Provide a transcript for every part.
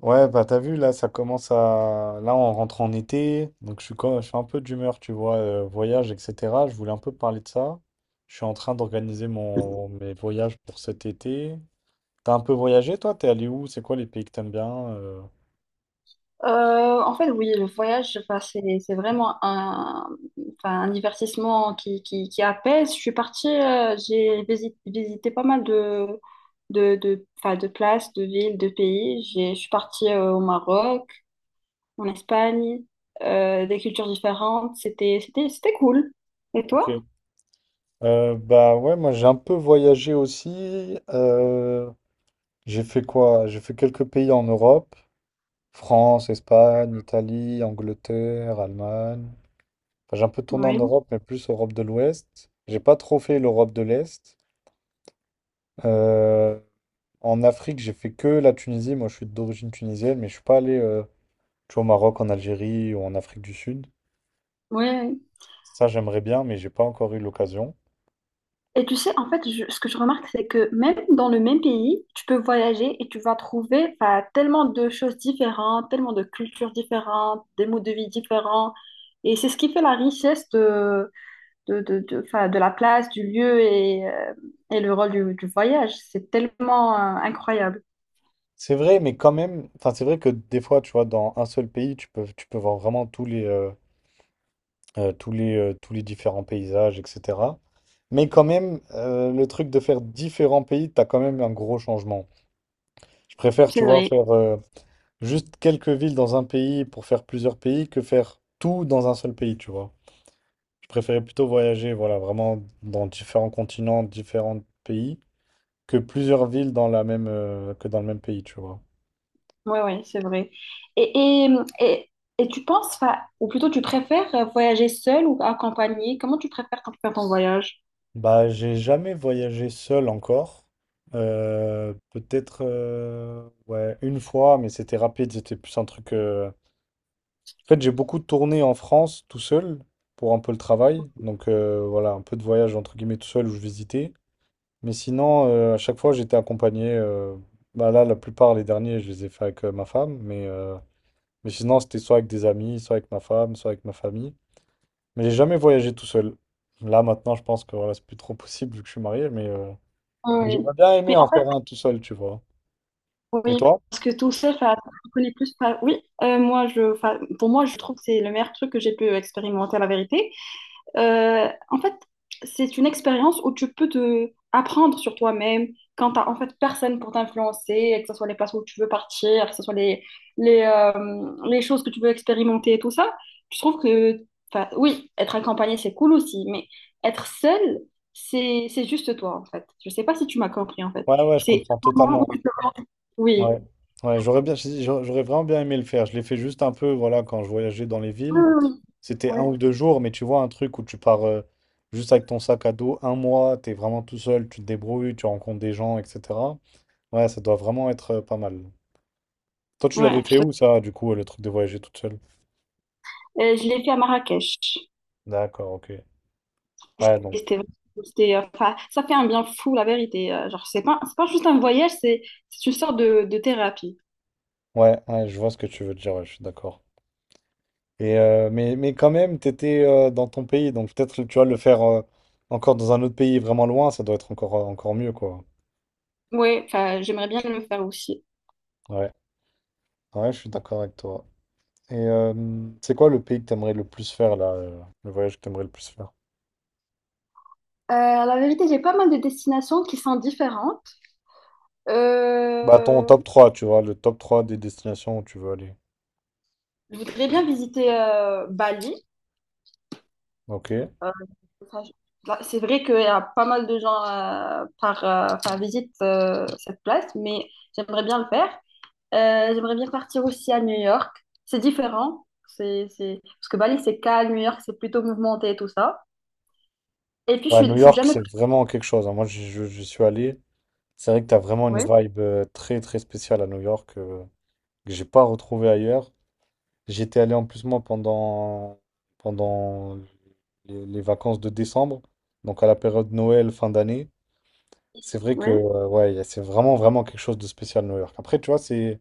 Ouais, bah t'as vu, là, ça commence à... Là, on rentre en été, donc je suis, je suis un peu d'humeur, tu vois, voyage, etc. Je voulais un peu parler de ça. Je suis en train d'organiser mon... mes voyages pour cet été. T'as un peu voyagé, toi? T'es allé où? C'est quoi les pays que t'aimes bien? En fait, oui, le voyage, enfin, c'est vraiment un, enfin, un divertissement qui apaise. Je suis partie, visité pas mal de, de, enfin, de places, de villes, de pays. Je suis partie au Maroc, en Espagne, des cultures différentes. C'était cool. Et Ok. toi? Bah ouais, moi j'ai un peu voyagé aussi. J'ai fait quoi? J'ai fait quelques pays en Europe. France, Espagne, Italie, Angleterre, Allemagne. Enfin, j'ai un peu tourné en Oui. Europe, mais plus Europe de l'Ouest. J'ai pas trop fait l'Europe de l'Est. Euh, En Afrique, j'ai fait que la Tunisie. Moi, je suis d'origine tunisienne, mais je suis pas allé, tu vois, au Maroc, en Algérie ou en Afrique du Sud. Oui. Ça, j'aimerais bien, mais j'ai pas encore eu l'occasion. Et tu sais, en fait, ce que je remarque, c'est que même dans le même pays, tu peux voyager et tu vas trouver enfin, tellement de choses différentes, tellement de cultures différentes, des modes de vie différents. Et c'est ce qui fait la richesse de, enfin, de la place, du lieu et le rôle du voyage. C'est tellement incroyable. C'est vrai, mais quand même, enfin, c'est vrai que des fois, tu vois, dans un seul pays, tu peux voir vraiment tous les, tous les, tous les différents paysages, etc. Mais quand même, le truc de faire différents pays, t'as quand même un gros changement. Je préfère, C'est tu vois, vrai. faire juste quelques villes dans un pays pour faire plusieurs pays que faire tout dans un seul pays, tu vois. Je préférais plutôt voyager, voilà, vraiment dans différents continents, différents pays, que plusieurs villes dans la même, que dans le même pays, tu vois. Oui, oui, c'est vrai. Et, et, et, et tu penses, enfin, ou plutôt tu préfères voyager seul ou accompagné? Comment tu préfères quand tu fais ton voyage? Bah, j'ai jamais voyagé seul encore. Peut-être ouais, une fois, mais c'était rapide, c'était plus un truc. En fait, j'ai beaucoup tourné en France tout seul pour un peu le travail. Donc voilà, un peu de voyage entre guillemets tout seul où je visitais. Mais sinon, à chaque fois, j'étais accompagné. Bah là, la plupart, les derniers, je les ai fait avec ma femme. Mais sinon, c'était soit avec des amis, soit avec ma femme, soit avec ma famille. Mais j'ai jamais voyagé tout seul. Là, maintenant, je pense que voilà, c'est plus trop possible vu que je suis marié, mais Oui. j'aurais bien aimé Mais en en faire un tout seul, tu vois. Et Oui, toi? parce que tout ça, enfin, tu connais plus. Enfin, oui, moi, enfin, pour moi, je trouve que c'est le meilleur truc que j'ai pu expérimenter, la vérité. En fait, c'est une expérience où tu peux te apprendre sur toi-même quand t'as en fait personne pour t'influencer, que ce soit les places où tu veux partir, que ce soit les, les choses que tu veux expérimenter et tout ça. Je trouve que, enfin, oui, être accompagné, c'est cool aussi, mais être seul, c'est juste toi, en fait. Je sais pas si tu m'as compris, en fait. Ouais, ouais, je C'est. comprends totalement. Oui. Ouais, ouais, j'aurais bien, si, si, j'aurais vraiment bien aimé le faire. Je l'ai fait juste un peu, voilà, quand je voyageais dans les Oui, villes. oui, C'était un Ouais, ou deux jours, mais tu vois, un truc où tu pars juste avec ton sac à dos un mois, t'es vraiment tout seul, tu te débrouilles, tu rencontres des gens, etc. Ouais, ça doit vraiment être pas mal. Toi, tu ouais, l'avais fait où, ça, du coup, le truc de voyager toute seule? Je l'ai fait à Marrakech. D'accord, ok. C'était, Ouais, donc, c'était- c'était, enfin, ça fait un bien fou, la vérité. Genre, c'est pas juste un voyage, c'est une sorte de thérapie. ouais, ouais, je vois ce que tu veux dire, ouais, je suis d'accord. Et mais quand même, tu étais dans ton pays, donc peut-être tu vas le faire encore dans un autre pays vraiment loin, ça doit être encore, encore mieux, quoi. Ouais, enfin, j'aimerais bien le faire aussi. Ouais, ouais, je suis d'accord avec toi. Et c'est quoi le pays que t'aimerais le plus faire, là, le voyage que t'aimerais le plus faire? Euh, la vérité, j'ai pas mal de destinations qui sont différentes. Bah, ton Euh, top 3 tu vois, le top 3 des destinations où tu veux aller. je voudrais bien visiter Bali. Ok. Euh, enfin, là, c'est vrai qu'il y a pas mal de gens enfin, visitent cette place, mais j'aimerais bien le faire. J'aimerais bien partir aussi à New York. C'est différent. C'est. Parce que Bali, c'est calme. New York, c'est plutôt mouvementé et tout ça. Et puis, Ouais, New je suis York, jamais. c'est vraiment quelque chose, hein. Moi, je suis allé. C'est vrai que t'as vraiment une Oui, vibe très, très spéciale à New York que j'ai pas retrouvée ailleurs. J'étais allé en plus moi pendant, pendant les vacances de décembre, donc à la période Noël, fin d'année. C'est vrai oui. que ouais, c'est vraiment vraiment quelque chose de spécial New York. Après, tu vois, c'est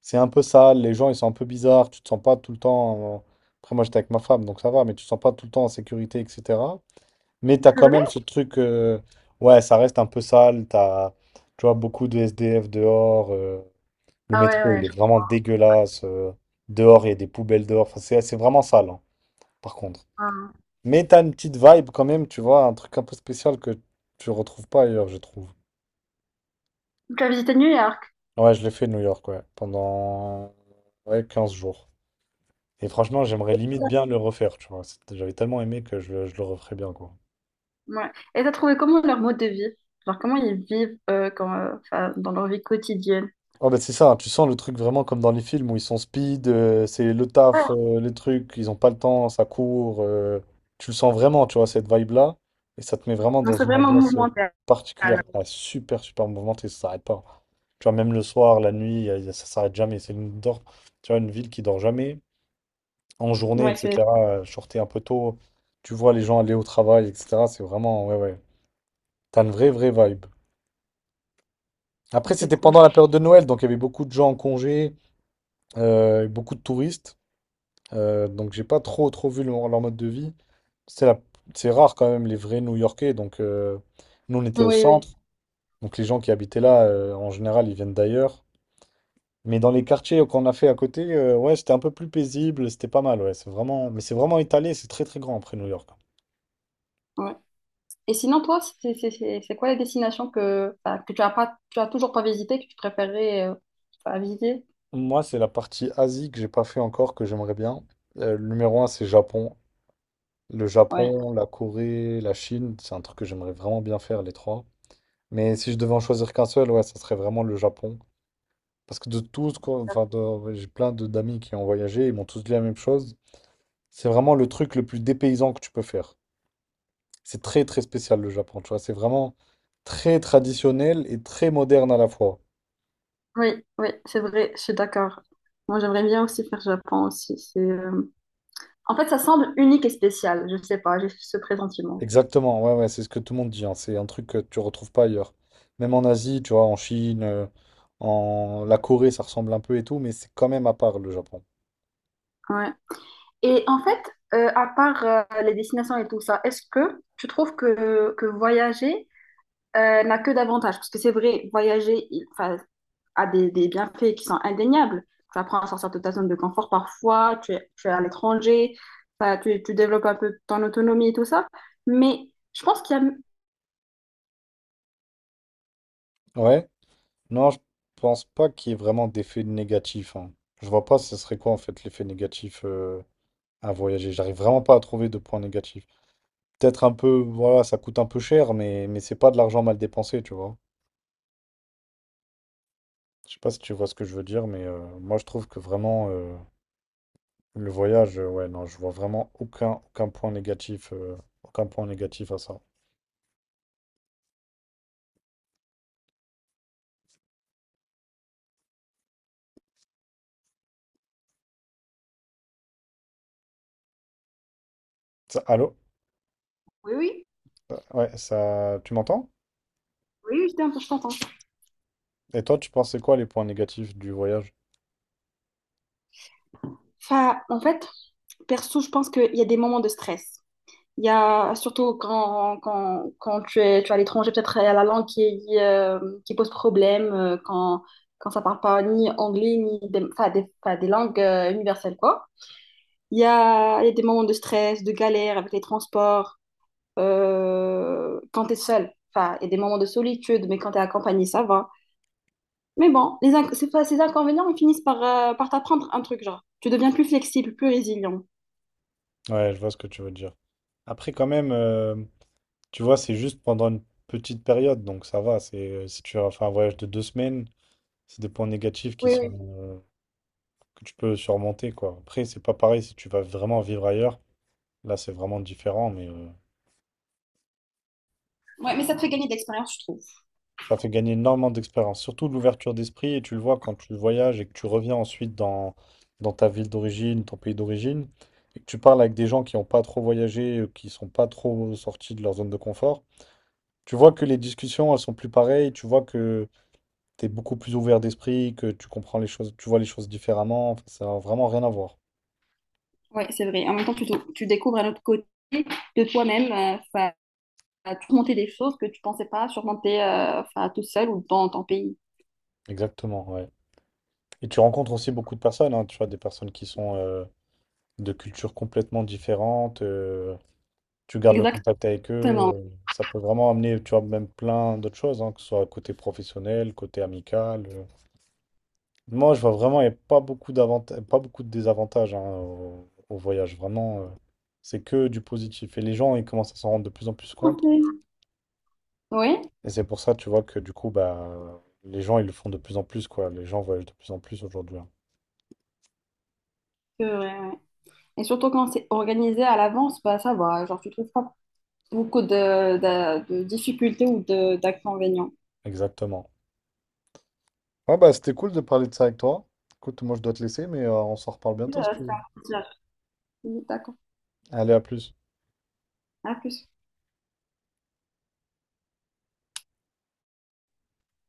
c'est un peu sale, les gens ils sont un peu bizarres, tu te sens pas tout le temps. Après, moi j'étais avec ma femme, donc ça va, mais tu te sens pas tout le temps en sécurité, etc. Mais t'as C'est quand même vrai? ce truc, ouais, ça reste un peu sale, t'as, tu vois, beaucoup de SDF dehors. Le Ah ouais, métro, ouais, il est je vraiment dégueulasse. Dehors, il y a des poubelles dehors. Enfin, c'est vraiment sale, hein, par contre. crois. Mais t'as une petite vibe quand même, tu vois, un truc un peu spécial que tu retrouves pas ailleurs, je trouve. Tu as visité New York. Ouais, je l'ai fait New York, ouais, pendant ouais, 15 jours. Et franchement, j'aimerais limite bien le refaire, tu vois. J'avais tellement aimé que je le referais bien, quoi. Ouais. Et t'as trouvé comment leur mode de vie? Genre, comment ils vivent quand, enfin, dans leur vie quotidienne? Oh ben c'est ça, hein. Tu sens le truc vraiment comme dans les films où ils sont speed, c'est le Ouais. taf, les trucs, ils ont pas le temps, ça court. Tu le sens vraiment, tu vois, cette vibe-là. Et ça te met vraiment Non, dans c'est une vraiment ambiance mouvementé. particulière. Ah, super, super mouvementée, ça s'arrête pas. Tu vois, même le soir, la nuit, ça s'arrête jamais. C'est tu vois, une ville qui dort jamais. En journée, Ouais, etc. Je sortais un peu tôt, tu vois les gens aller au travail, etc. C'est vraiment, ouais, ouais. T'as une vraie, vraie vibe. Après, c'est c'était cool. pendant la période de Noël, donc il y avait beaucoup de gens en congé. Beaucoup de touristes, donc j'ai pas trop trop vu leur mode de vie. C'est la- c'est rare quand même les vrais New-Yorkais. Donc nous on était au Oui, oui. centre, donc les gens qui habitaient là en général ils viennent d'ailleurs. Mais dans les quartiers qu'on a fait à côté, ouais c'était un peu plus paisible, c'était pas mal. Ouais, c'est vraiment, mais c'est vraiment étalé, c'est très très grand après New York. Ouais. Et sinon, toi, c'est quoi les destinations que, enfin, que tu as pas, tu as toujours pas visité que tu préférais enfin, visiter? Moi c'est la partie Asie que j'ai pas fait encore que j'aimerais bien. Le numéro un c'est Japon. Le Ouais, Japon, la Corée, la Chine, c'est un truc que j'aimerais vraiment bien faire les trois. Mais si je devais en choisir qu'un seul, ouais, ça serait vraiment le Japon. Parce que de tous, ce enfin, ouais, j'ai plein d'amis qui ont voyagé, ils m'ont tous dit la même chose. C'est vraiment le truc le plus dépaysant que tu peux faire. C'est très, très spécial, le Japon, tu vois. C'est vraiment très traditionnel et très moderne à la fois. oui, oui, c'est vrai, je suis d'accord. Moi, j'aimerais bien aussi faire Japon aussi. En fait, ça semble unique et spécial. Je sais pas, j'ai ce pressentiment. Exactement, ouais, ouais, c'est ce que tout le monde dit, hein. C'est un truc que tu retrouves pas ailleurs. Même en Asie, tu vois, en Chine, en la Corée, ça ressemble un peu et tout, mais c'est quand même à part, le Japon. Ouais. Et en fait, à part les destinations et tout ça, est-ce que tu trouves que voyager n'a que d'avantages? Parce que c'est vrai, voyager il, enfin, a des bienfaits qui sont indéniables. Tu apprends à sortir de ta zone de confort parfois, tu es à l'étranger, enfin, tu développes un peu ton autonomie et tout ça. Mais je pense qu'il y a. Ouais. Non, je pense pas qu'il y ait vraiment d'effet négatif, hein. Je vois pas ce serait quoi en fait l'effet négatif à voyager. J'arrive vraiment pas à trouver de point négatif. Peut-être un peu, voilà, ça coûte un peu cher, mais c'est pas de l'argent mal dépensé, tu vois. Je sais pas si tu vois ce que je veux dire, mais moi je trouve que vraiment le voyage, ouais, non, je vois vraiment aucun point négatif, aucun point négatif à ça. Allô? Oui, oui. Ouais, ça, tu m'entends? Oui, oui, je t'entends, je t'entends. Et toi, tu pensais quoi les points négatifs du voyage? Enfin, en fait, perso, je pense qu'il y a des moments de stress. Il y a surtout quand tu es à l'étranger, peut-être il y a la langue qui pose problème, quand, quand ça parle pas ni anglais, ni des, enfin, des, enfin, des langues universelles, quoi. Il y a des moments de stress, de galère avec les transports, quand tu es seul. Enfin, il y a des moments de solitude, mais quand tu es accompagné, ça va. Mais bon, ces, ces inconvénients, ils finissent par, par t'apprendre un truc, genre. Tu deviens plus flexible, plus résilient. Ouais, je vois ce que tu veux dire. Après, quand même. Tu vois, c'est juste pendant une petite période, donc ça va. Si tu as fait un voyage de 2 semaines, c'est des points négatifs qui Oui, sont, oui. euh, que tu peux surmonter, quoi. Après, c'est pas pareil si tu vas vraiment vivre ailleurs. Là, c'est vraiment différent, mais Ouais, mais ça te fait gagner de l'expérience, je trouve. ça fait gagner énormément d'expérience. Surtout de l'ouverture d'esprit, et tu le vois quand tu voyages et que tu reviens ensuite dans ta ville d'origine, ton pays d'origine, et que tu parles avec des gens qui n'ont pas trop voyagé, qui sont pas trop sortis de leur zone de confort. Tu vois que les discussions, elles sont plus pareilles, tu vois que t'es beaucoup plus ouvert d'esprit, que tu comprends les choses, tu vois les choses différemment. Enfin, ça n'a vraiment rien à voir. Ouais, c'est vrai. En même temps, tu découvres un autre côté de toi-même, enfin, à te monter des choses que tu pensais pas surmonter enfin, tout seul ou dans ton pays. Exactement, ouais. Et tu rencontres aussi beaucoup de personnes, hein, tu vois, des personnes qui sont de cultures complètement différentes. Tu gardes le contact avec eux. Exactement. Ça peut vraiment amener, tu vois, même plein d'autres choses, hein, que ce soit côté professionnel, côté amical. Moi, je vois vraiment, il n'y a pas beaucoup d'avantages, pas beaucoup de désavantages hein, au voyage. Vraiment, c'est que du positif. Et les gens, ils commencent à s'en rendre de plus en plus compte. Ok. Oui, Et c'est pour ça, tu vois, que du coup, bah, les gens, ils le font de plus en plus, quoi. Les gens voyagent de plus en plus aujourd'hui, hein. c'est vrai, ouais. Et surtout quand c'est organisé à l'avance, bah ça va, genre tu trouves pas beaucoup de, de difficultés ou de, d'inconvénients. Exactement. Ouais, bah, c'était cool de parler de ça avec toi. Écoute, moi, je dois te laisser, mais on s'en reparle bientôt si tu C'est veux. un plaisir. Oui, d'accord. Allez, à plus. À plus.